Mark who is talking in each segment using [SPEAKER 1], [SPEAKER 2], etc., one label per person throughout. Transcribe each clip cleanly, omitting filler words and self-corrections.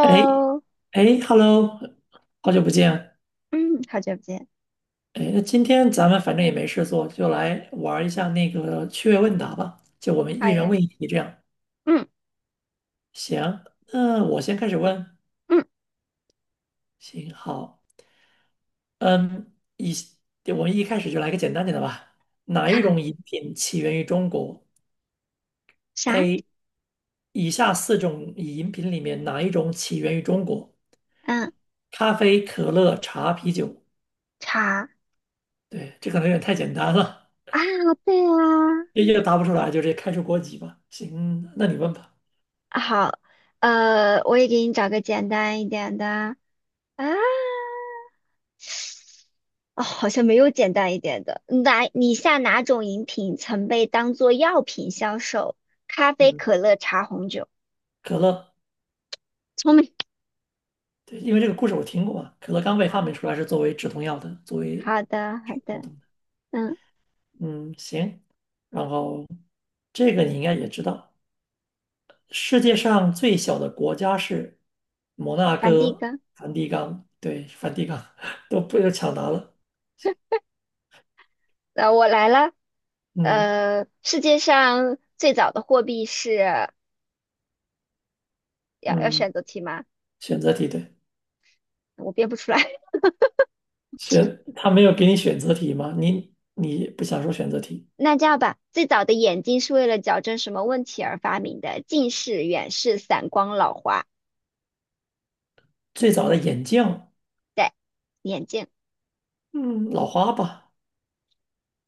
[SPEAKER 1] 哎 哎，Hello，好久不见。
[SPEAKER 2] 嗯，好久不见。
[SPEAKER 1] 哎，那今天咱们反正也没事做，就来玩一下那个趣味问答吧。就我们
[SPEAKER 2] 好
[SPEAKER 1] 一人
[SPEAKER 2] 呀，
[SPEAKER 1] 问一题这样。
[SPEAKER 2] 嗯
[SPEAKER 1] 行，那我先开始问。
[SPEAKER 2] 嗯，
[SPEAKER 1] 行，好。嗯，一，我们一开始就来个简单点的吧。哪一种 饮品起源于中国
[SPEAKER 2] 啥？
[SPEAKER 1] ？A，以下四种饮品里面哪一种起源于中国？
[SPEAKER 2] 嗯，
[SPEAKER 1] 咖啡、可乐、茶、啤酒。
[SPEAKER 2] 茶
[SPEAKER 1] 对，这可能有点太简单了。
[SPEAKER 2] 啊，对啊，
[SPEAKER 1] 也答不出来，就直接开除国籍吧。行，那你问吧。
[SPEAKER 2] 啊好，我也给你找个简单一点的啊，哦，好像没有简单一点的。哪？你下哪种饮品曾被当做药品销售？咖啡、
[SPEAKER 1] 嗯，
[SPEAKER 2] 可乐、茶、红酒。
[SPEAKER 1] 可乐，
[SPEAKER 2] 聪明
[SPEAKER 1] 对，因为这个故事我听过嘛，可乐刚被
[SPEAKER 2] 啊，
[SPEAKER 1] 发明出来是作为止痛药的，作为
[SPEAKER 2] 好的好
[SPEAKER 1] 止痛
[SPEAKER 2] 的，
[SPEAKER 1] 的。
[SPEAKER 2] 嗯，
[SPEAKER 1] 嗯，行。然后这个你应该也知道，世界上最小的国家是摩纳
[SPEAKER 2] 反第一
[SPEAKER 1] 哥、
[SPEAKER 2] 个，
[SPEAKER 1] 梵蒂冈。对，梵蒂冈 都不要抢答了。
[SPEAKER 2] 我来了，
[SPEAKER 1] 嗯
[SPEAKER 2] 世界上最早的货币是要
[SPEAKER 1] 嗯，
[SPEAKER 2] 选择题吗？
[SPEAKER 1] 选择题对，
[SPEAKER 2] 我编不出来。
[SPEAKER 1] 他没有给你选择题吗？你不想说选择题？
[SPEAKER 2] 那这样吧，最早的眼睛是为了矫正什么问题而发明的？近视、远视、散光、老花。
[SPEAKER 1] 最早的眼镜。
[SPEAKER 2] 对，眼镜。
[SPEAKER 1] 嗯，老花吧，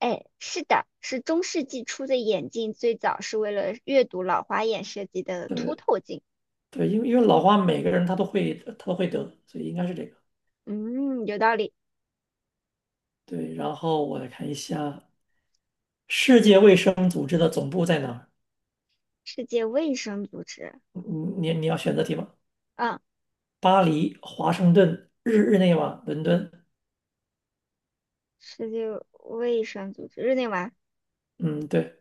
[SPEAKER 2] 哎，是的，是中世纪初的眼镜，最早是为了阅读老花眼设计的凸
[SPEAKER 1] 对
[SPEAKER 2] 透镜。
[SPEAKER 1] 对，因为老花每个人他都会得，所以应该是这个。
[SPEAKER 2] 嗯，有道理。
[SPEAKER 1] 对，然后我来看一下世界卫生组织的总部在哪儿？
[SPEAKER 2] 世界卫生组织，
[SPEAKER 1] 嗯嗯，你要选择题吗？
[SPEAKER 2] 嗯，
[SPEAKER 1] 巴黎、华盛顿、日内瓦、伦敦。
[SPEAKER 2] 世界卫生组织，日内瓦，
[SPEAKER 1] 嗯，对，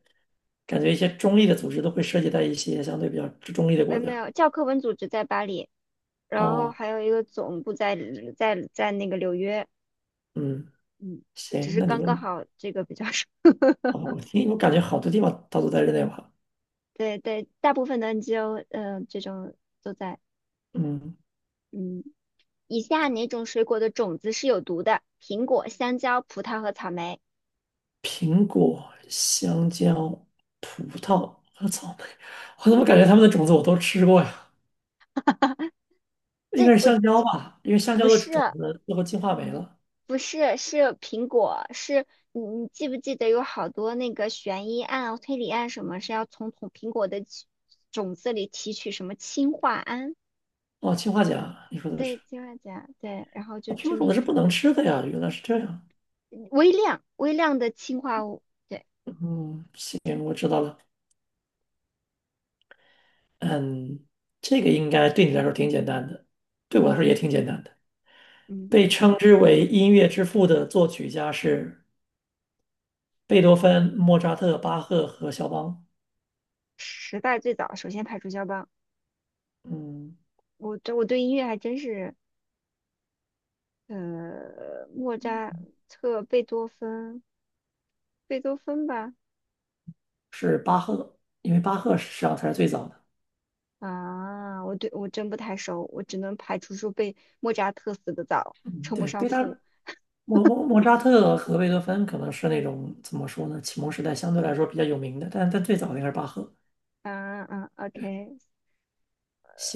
[SPEAKER 1] 感觉一些中立的组织都会涉及到一些相对比较中立的国
[SPEAKER 2] 没
[SPEAKER 1] 家。
[SPEAKER 2] 有，教科文组织在巴黎。然后
[SPEAKER 1] 哦，
[SPEAKER 2] 还有一个总部在那个纽约，
[SPEAKER 1] 嗯，
[SPEAKER 2] 嗯，只
[SPEAKER 1] 行，
[SPEAKER 2] 是
[SPEAKER 1] 那你
[SPEAKER 2] 刚刚
[SPEAKER 1] 问吧。
[SPEAKER 2] 好这个比较少，
[SPEAKER 1] 好吧，我感觉好多地方它都在日内瓦。
[SPEAKER 2] 对对，大部分的 NGO，这种都在，
[SPEAKER 1] 嗯，
[SPEAKER 2] 嗯，以下哪种水果的种子是有毒的？苹果、香蕉、葡萄和草莓。
[SPEAKER 1] 苹果、香蕉、葡萄和草莓，我怎么感觉它们的种子我都吃过呀？应
[SPEAKER 2] 这
[SPEAKER 1] 该是
[SPEAKER 2] 我
[SPEAKER 1] 香蕉吧，因为香
[SPEAKER 2] 不
[SPEAKER 1] 蕉的
[SPEAKER 2] 是
[SPEAKER 1] 种子最后进化没了。
[SPEAKER 2] 不是，是苹果，是你记不记得有好多那个悬疑案、推理案什么是要从苹果的起种子里提取什么氰化铵？
[SPEAKER 1] 哦，氰化钾，你说的是。
[SPEAKER 2] 对，氰化钾，对，然后就
[SPEAKER 1] 哦，苹
[SPEAKER 2] 致
[SPEAKER 1] 果种子是
[SPEAKER 2] 命。
[SPEAKER 1] 不能吃的呀，原来是这样。
[SPEAKER 2] 微量微量的氰化物，对，
[SPEAKER 1] 嗯，行，我知道了。嗯，这个应该对你来说挺简单的，对我来说也挺简单的。
[SPEAKER 2] 嗯，
[SPEAKER 1] 被称之为音乐之父的作曲家是贝多芬、莫扎特、巴赫和肖邦。
[SPEAKER 2] 时代最早首先排除肖邦。
[SPEAKER 1] 嗯。
[SPEAKER 2] 我对音乐还真是，莫扎特、贝多芬吧，
[SPEAKER 1] 是巴赫，因为巴赫实际上才是最早的。
[SPEAKER 2] 啊，我真不太熟，我只能排除说被莫扎特死得早，
[SPEAKER 1] 嗯，
[SPEAKER 2] 称不
[SPEAKER 1] 对，
[SPEAKER 2] 上
[SPEAKER 1] 贝拉
[SPEAKER 2] 父。
[SPEAKER 1] 莫莫莫扎特和贝多芬可能是那种怎么说呢，启蒙时代相对来说比较有名的，但最早的应该是巴赫。
[SPEAKER 2] 嗯嗯，OK，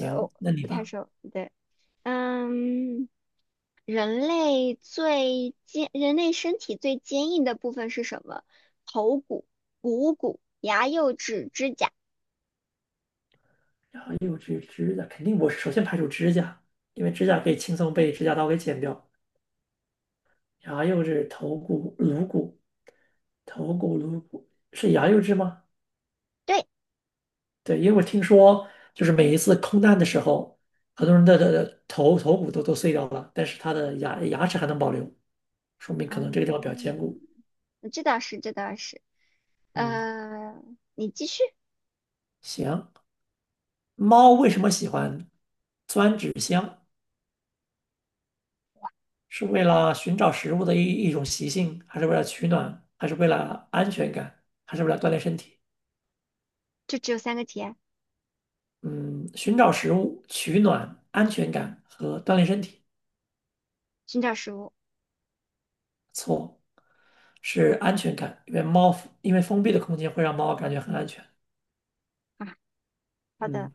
[SPEAKER 2] 我
[SPEAKER 1] 那你
[SPEAKER 2] 不太
[SPEAKER 1] 吧。
[SPEAKER 2] 熟，对，嗯。人类身体最坚硬的部分是什么？头骨、股骨、牙、釉质、指甲。
[SPEAKER 1] 然后又指指甲，肯定我首先排除指甲，因为指甲可以轻松被指甲刀给剪掉。然后又是头骨、颅骨，是牙釉质吗？
[SPEAKER 2] 对，
[SPEAKER 1] 对，因为我听说，就是每一次空难的时候，很多人的头骨都碎掉了，但是他的牙齿还能保留，说明可能这
[SPEAKER 2] 嗯，
[SPEAKER 1] 个地方比较坚固。
[SPEAKER 2] 这倒是，这倒是。
[SPEAKER 1] 嗯，
[SPEAKER 2] 呃，你继续，
[SPEAKER 1] 行。猫为什么喜欢钻纸箱？是为了寻找食物的一种习性，还是为了取暖，还是为了安全感，还是为了锻炼身体？
[SPEAKER 2] 就只有三个题，
[SPEAKER 1] 嗯，寻找食物、取暖、安全感和锻炼身体，
[SPEAKER 2] 寻找食物
[SPEAKER 1] 错，是安全感，因为封闭的空间会让猫感觉很安全。
[SPEAKER 2] 啊。好的，
[SPEAKER 1] 嗯，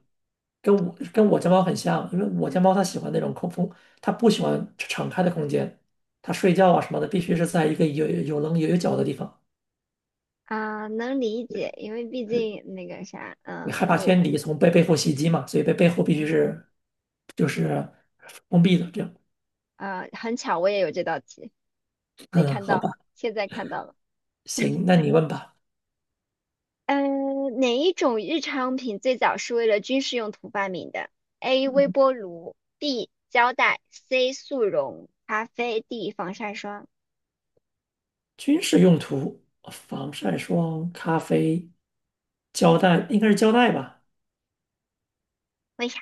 [SPEAKER 1] 跟我家猫很像，因为我家猫它喜欢那种空空，它不喜欢敞开的空间，它睡觉啊什么的必须是在一个有棱有角的地方，
[SPEAKER 2] 啊，能理解，因为毕竟那个啥，
[SPEAKER 1] 对害
[SPEAKER 2] 嗯、
[SPEAKER 1] 怕天
[SPEAKER 2] 我，
[SPEAKER 1] 敌从背后袭击嘛，所以背后必须
[SPEAKER 2] 嗯，
[SPEAKER 1] 是就是封闭的这样。
[SPEAKER 2] 啊，很巧，我也有这道题，没
[SPEAKER 1] 嗯，
[SPEAKER 2] 看
[SPEAKER 1] 好
[SPEAKER 2] 到，
[SPEAKER 1] 吧，
[SPEAKER 2] 现在看到了。
[SPEAKER 1] 行，那你问吧。
[SPEAKER 2] 哪一种日常用品最早是为了军事用途发明的？A. 微
[SPEAKER 1] 嗯，
[SPEAKER 2] 波炉，B. 胶带，C. 速溶咖啡，D. 防晒霜。
[SPEAKER 1] 军事用途，防晒霜、咖啡、胶带，应该是胶带吧，
[SPEAKER 2] 为啥？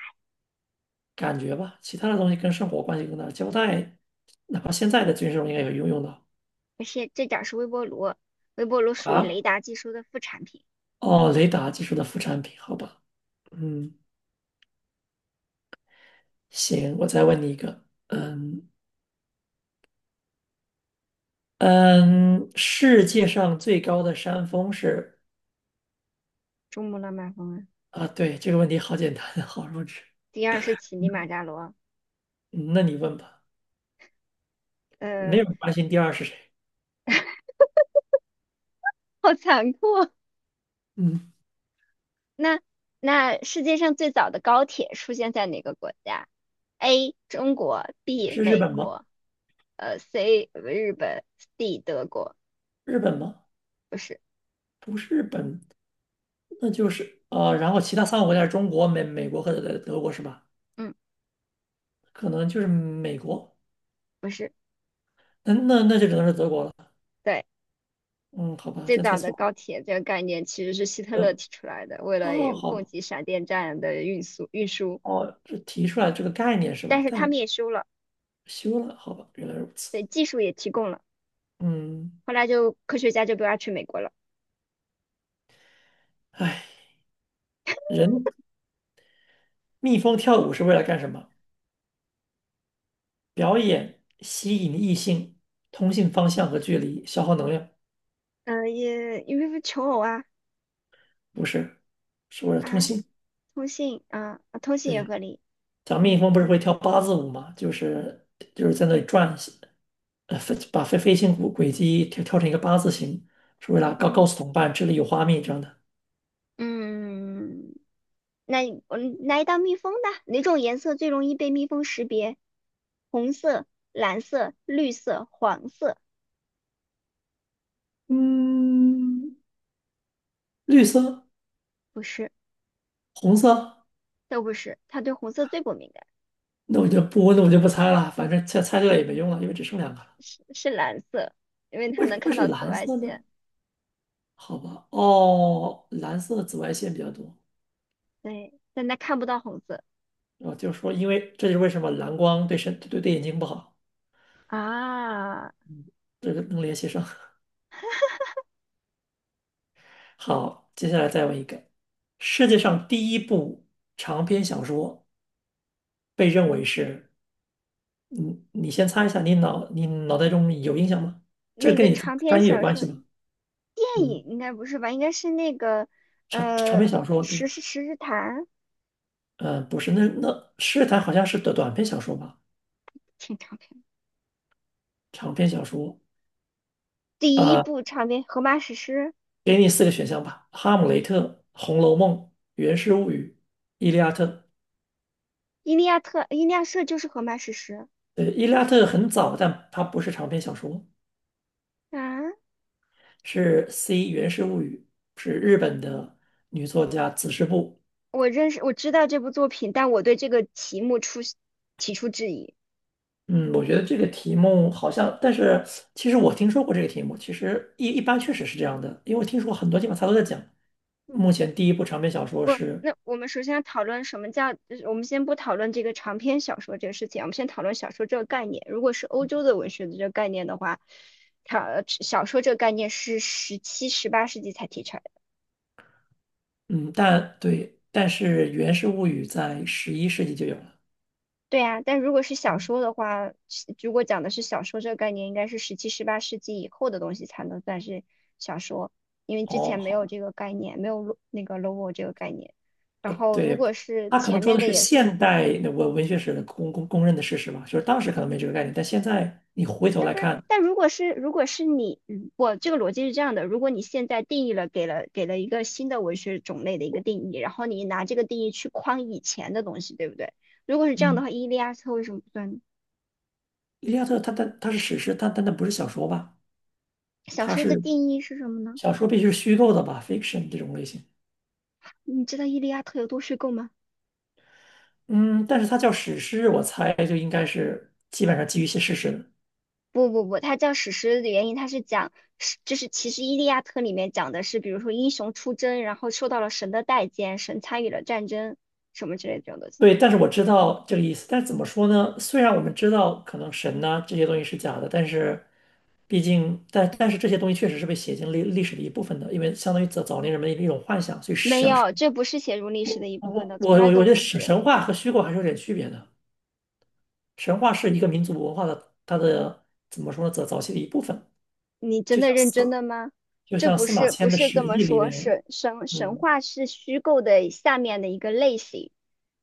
[SPEAKER 1] 感觉吧，其他的东西跟生活关系更大，胶带哪怕现在的军事中应该有用到
[SPEAKER 2] 不是，最早是微波炉，微波炉属于
[SPEAKER 1] 啊。
[SPEAKER 2] 雷达技术的副产品。
[SPEAKER 1] 哦，雷达技术的副产品，好吧，嗯，行，我再问你一个，嗯嗯，世界上最高的山峰是。
[SPEAKER 2] 珠穆朗玛峰啊。
[SPEAKER 1] 啊，对，这个问题好简单，好弱智，
[SPEAKER 2] 第二是乞力马扎罗。
[SPEAKER 1] 嗯，那你问吧，没
[SPEAKER 2] 呃，
[SPEAKER 1] 有人关心第二是谁，
[SPEAKER 2] 好残酷。
[SPEAKER 1] 嗯，
[SPEAKER 2] 那那世界上最早的高铁出现在哪个国家？A. 中国，B.
[SPEAKER 1] 是日
[SPEAKER 2] 美
[SPEAKER 1] 本吗？
[SPEAKER 2] 国，C. 日本，D. 德国。
[SPEAKER 1] 日本吗？
[SPEAKER 2] 不是，
[SPEAKER 1] 不是日本，那就是啊，然后其他三个国家是中国、美国和德国是吧？
[SPEAKER 2] 嗯，
[SPEAKER 1] 可能就是美国，
[SPEAKER 2] 不是，
[SPEAKER 1] 那就只能是德国了，
[SPEAKER 2] 对，
[SPEAKER 1] 嗯，好吧，
[SPEAKER 2] 最
[SPEAKER 1] 真猜
[SPEAKER 2] 早的
[SPEAKER 1] 错了，
[SPEAKER 2] 高铁这个概念其实是希特勒
[SPEAKER 1] 德，
[SPEAKER 2] 提出来的，为了
[SPEAKER 1] 哦，
[SPEAKER 2] 也
[SPEAKER 1] 好
[SPEAKER 2] 供
[SPEAKER 1] 吧。
[SPEAKER 2] 给闪电战的运输，
[SPEAKER 1] 哦，这提出来这个概念是吧？
[SPEAKER 2] 但是他
[SPEAKER 1] 但
[SPEAKER 2] 们也修了，
[SPEAKER 1] 修了，好吧，原来如此。
[SPEAKER 2] 对，技术也提供了，
[SPEAKER 1] 嗯，
[SPEAKER 2] 后来就科学家就不要去美国了，
[SPEAKER 1] 唉，人蜜蜂跳舞是为了干什么？表演、吸引异性、通信方向和距离、消耗能量，
[SPEAKER 2] 嗯、也因为求偶啊
[SPEAKER 1] 不是，是为了通
[SPEAKER 2] 啊，
[SPEAKER 1] 信。
[SPEAKER 2] 通信啊，啊通信也
[SPEAKER 1] 对，
[SPEAKER 2] 合理，
[SPEAKER 1] 讲蜜
[SPEAKER 2] 嗯
[SPEAKER 1] 蜂不是会跳八字舞吗？就是在那里转，把飞行轨迹跳成一个八字形，是为了告告
[SPEAKER 2] 嗯
[SPEAKER 1] 诉同伴这里有花蜜这样的。
[SPEAKER 2] 嗯，那你我来一道蜜蜂的，哪种颜色最容易被蜜蜂识别？红色、蓝色、绿色、黄色，
[SPEAKER 1] 嗯，绿色、
[SPEAKER 2] 不是。
[SPEAKER 1] 红色。
[SPEAKER 2] 都不是，他对红色最不敏感，
[SPEAKER 1] 那我就不猜了，反正猜对了也没用了，因为只剩两个了。
[SPEAKER 2] 是蓝色，因为他
[SPEAKER 1] 为什
[SPEAKER 2] 能
[SPEAKER 1] 么会
[SPEAKER 2] 看
[SPEAKER 1] 是
[SPEAKER 2] 到紫
[SPEAKER 1] 蓝
[SPEAKER 2] 外
[SPEAKER 1] 色呢？
[SPEAKER 2] 线，
[SPEAKER 1] 好吧，哦，蓝色的紫外线比较多。
[SPEAKER 2] 对，但他看不到红色
[SPEAKER 1] 啊，就是说，因为这就是为什么蓝光对眼睛不好，
[SPEAKER 2] 啊。
[SPEAKER 1] 这个能联系上。好，接下来再问一个，世界上第一部长篇小说被认为是，嗯，你先猜一下，你脑袋中有印象吗？这
[SPEAKER 2] 那
[SPEAKER 1] 跟
[SPEAKER 2] 个
[SPEAKER 1] 你专
[SPEAKER 2] 长篇
[SPEAKER 1] 专业有
[SPEAKER 2] 小
[SPEAKER 1] 关系
[SPEAKER 2] 说
[SPEAKER 1] 吗？
[SPEAKER 2] 电
[SPEAKER 1] 嗯，
[SPEAKER 2] 影应该不是吧？应该是那个
[SPEAKER 1] 长长
[SPEAKER 2] 呃
[SPEAKER 1] 篇小说，
[SPEAKER 2] 《十
[SPEAKER 1] 对，
[SPEAKER 2] 世十日谈》
[SPEAKER 1] 不是，那《诗坛》好像是短篇小说吧？
[SPEAKER 2] 挺长篇的，
[SPEAKER 1] 长篇小说，
[SPEAKER 2] 第一
[SPEAKER 1] 呃，
[SPEAKER 2] 部长篇《荷马史诗》，
[SPEAKER 1] 给你四个选项吧：《哈姆雷特》《红楼梦》《源氏物语》《伊利亚特》。
[SPEAKER 2] 伊利亚特就是《荷马史诗》
[SPEAKER 1] 伊利亚特》很早，但它不是长篇小说，
[SPEAKER 2] 啊。
[SPEAKER 1] 是《 源氏物语》，是日本的女作家子师部。
[SPEAKER 2] 我认识我知道这部作品，但我对这个题目提出质疑。
[SPEAKER 1] 嗯，我觉得这个题目好像，但是其实我听说过这个题目，其实一般确实是这样的，因为我听说过很多地方它都在讲。目前第一部长篇小说是，
[SPEAKER 2] 那我们首先要讨论什么叫，我们先不讨论这个长篇小说这个事情，我们先讨论小说这个概念。如果是欧洲的文学的这个概念的话，它小说这个概念是十七、十八世纪才提出来的。
[SPEAKER 1] 嗯，但对，但是《源氏物语》在11世纪就有了。
[SPEAKER 2] 对呀，但如果是小说的话，如果讲的是小说这个概念，应该是十七、十八世纪以后的东西才能算是小说，因为之
[SPEAKER 1] 哦，
[SPEAKER 2] 前没有
[SPEAKER 1] 好。
[SPEAKER 2] 这个概念，没有那个 logo 这个概念。然后，如
[SPEAKER 1] 对，
[SPEAKER 2] 果是
[SPEAKER 1] 他可
[SPEAKER 2] 前
[SPEAKER 1] 能说
[SPEAKER 2] 面
[SPEAKER 1] 的
[SPEAKER 2] 的
[SPEAKER 1] 是
[SPEAKER 2] 也
[SPEAKER 1] 现代文学史的公认的事实吧，就是当时可能没这个概念，但现在你回头
[SPEAKER 2] 但
[SPEAKER 1] 来
[SPEAKER 2] 不是，
[SPEAKER 1] 看，
[SPEAKER 2] 但如果是你，我这个逻辑是这样的：如果你现在定义了，给了一个新的文学种类的一个定义，然后你拿这个定义去框以前的东西，对不对？如果是这样的
[SPEAKER 1] 嗯，
[SPEAKER 2] 话，伊利亚特为什么不算呢
[SPEAKER 1] 《伊利亚特》它是史诗，但它不是小说吧？
[SPEAKER 2] 小
[SPEAKER 1] 它
[SPEAKER 2] 说的
[SPEAKER 1] 是
[SPEAKER 2] 定义是什么呢？
[SPEAKER 1] 小说必须是虚构的吧，fiction 这种类型。
[SPEAKER 2] 你知道伊利亚特有多虚构吗？
[SPEAKER 1] 嗯，但是它叫史诗，我猜就应该是基本上基于一些事实。
[SPEAKER 2] 不不不，它叫史诗的原因，它是讲是就是其实伊利亚特里面讲的是，比如说英雄出征，然后受到了神的待见，神参与了战争什么之类的这种东西。
[SPEAKER 1] 对，但是我知道这个意思。但是怎么说呢？虽然我们知道可能神呐、这些东西是假的，但是毕竟，但是这些东西确实是被写进历史的一部分的，因为相当于早年人们的一种幻想。所以
[SPEAKER 2] 没有，这不是写入历史的一部分
[SPEAKER 1] 我
[SPEAKER 2] 的，
[SPEAKER 1] 我
[SPEAKER 2] 从
[SPEAKER 1] 我
[SPEAKER 2] 来都
[SPEAKER 1] 我觉得
[SPEAKER 2] 不
[SPEAKER 1] 神
[SPEAKER 2] 是。
[SPEAKER 1] 神话和虚构还是有点区别的。神话是一个民族文化的它的怎么说呢？早期的一部分，
[SPEAKER 2] 你真
[SPEAKER 1] 就
[SPEAKER 2] 的
[SPEAKER 1] 像
[SPEAKER 2] 认真
[SPEAKER 1] 司
[SPEAKER 2] 的吗？
[SPEAKER 1] 就
[SPEAKER 2] 这
[SPEAKER 1] 像
[SPEAKER 2] 不
[SPEAKER 1] 司马
[SPEAKER 2] 是不
[SPEAKER 1] 迁的
[SPEAKER 2] 是
[SPEAKER 1] 《史
[SPEAKER 2] 这么
[SPEAKER 1] 记》里
[SPEAKER 2] 说，
[SPEAKER 1] 面，
[SPEAKER 2] 神神神
[SPEAKER 1] 嗯。
[SPEAKER 2] 话是虚构的下面的一个类型，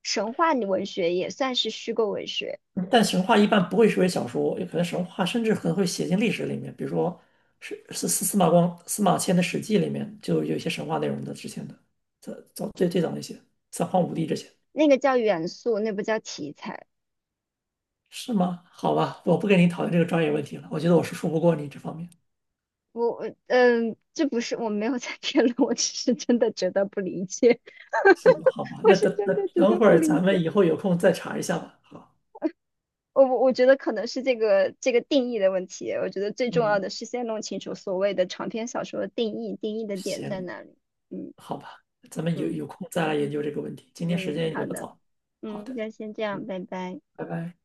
[SPEAKER 2] 神话文学也算是虚构文学，
[SPEAKER 1] 嗯，但神话一般不会写为小说，有可能神话甚至可能会写进历史里面，比如说是司马迁的《史记》里面就有一些神话内容的，之前的早早最最早那些三皇五帝这些
[SPEAKER 2] 那个叫元素，那不叫题材。
[SPEAKER 1] 是吗？好吧，我不跟你讨论这个专业问题了，我觉得我是说不过你这方面。
[SPEAKER 2] 我我嗯，这不是我没有在辩论，我只是真的觉得不理解，
[SPEAKER 1] 行，好 吧，
[SPEAKER 2] 我
[SPEAKER 1] 那
[SPEAKER 2] 是
[SPEAKER 1] 等
[SPEAKER 2] 真
[SPEAKER 1] 等
[SPEAKER 2] 的觉
[SPEAKER 1] 等
[SPEAKER 2] 得
[SPEAKER 1] 会
[SPEAKER 2] 不
[SPEAKER 1] 儿
[SPEAKER 2] 理
[SPEAKER 1] 咱们
[SPEAKER 2] 解。
[SPEAKER 1] 以后有空再查一下吧。好，
[SPEAKER 2] 我觉得可能是这个定义的问题，我觉得最重要
[SPEAKER 1] 嗯，
[SPEAKER 2] 的是先弄清楚所谓的长篇小说的定义，定义的点在
[SPEAKER 1] 行，
[SPEAKER 2] 哪里。嗯
[SPEAKER 1] 好吧，咱们有
[SPEAKER 2] 嗯
[SPEAKER 1] 有空再来研究这个问题。今天时
[SPEAKER 2] 嗯，
[SPEAKER 1] 间
[SPEAKER 2] 好
[SPEAKER 1] 也不
[SPEAKER 2] 的。
[SPEAKER 1] 早，好
[SPEAKER 2] 嗯，
[SPEAKER 1] 的，
[SPEAKER 2] 那先这样，
[SPEAKER 1] 嗯，
[SPEAKER 2] 拜拜。
[SPEAKER 1] 拜拜。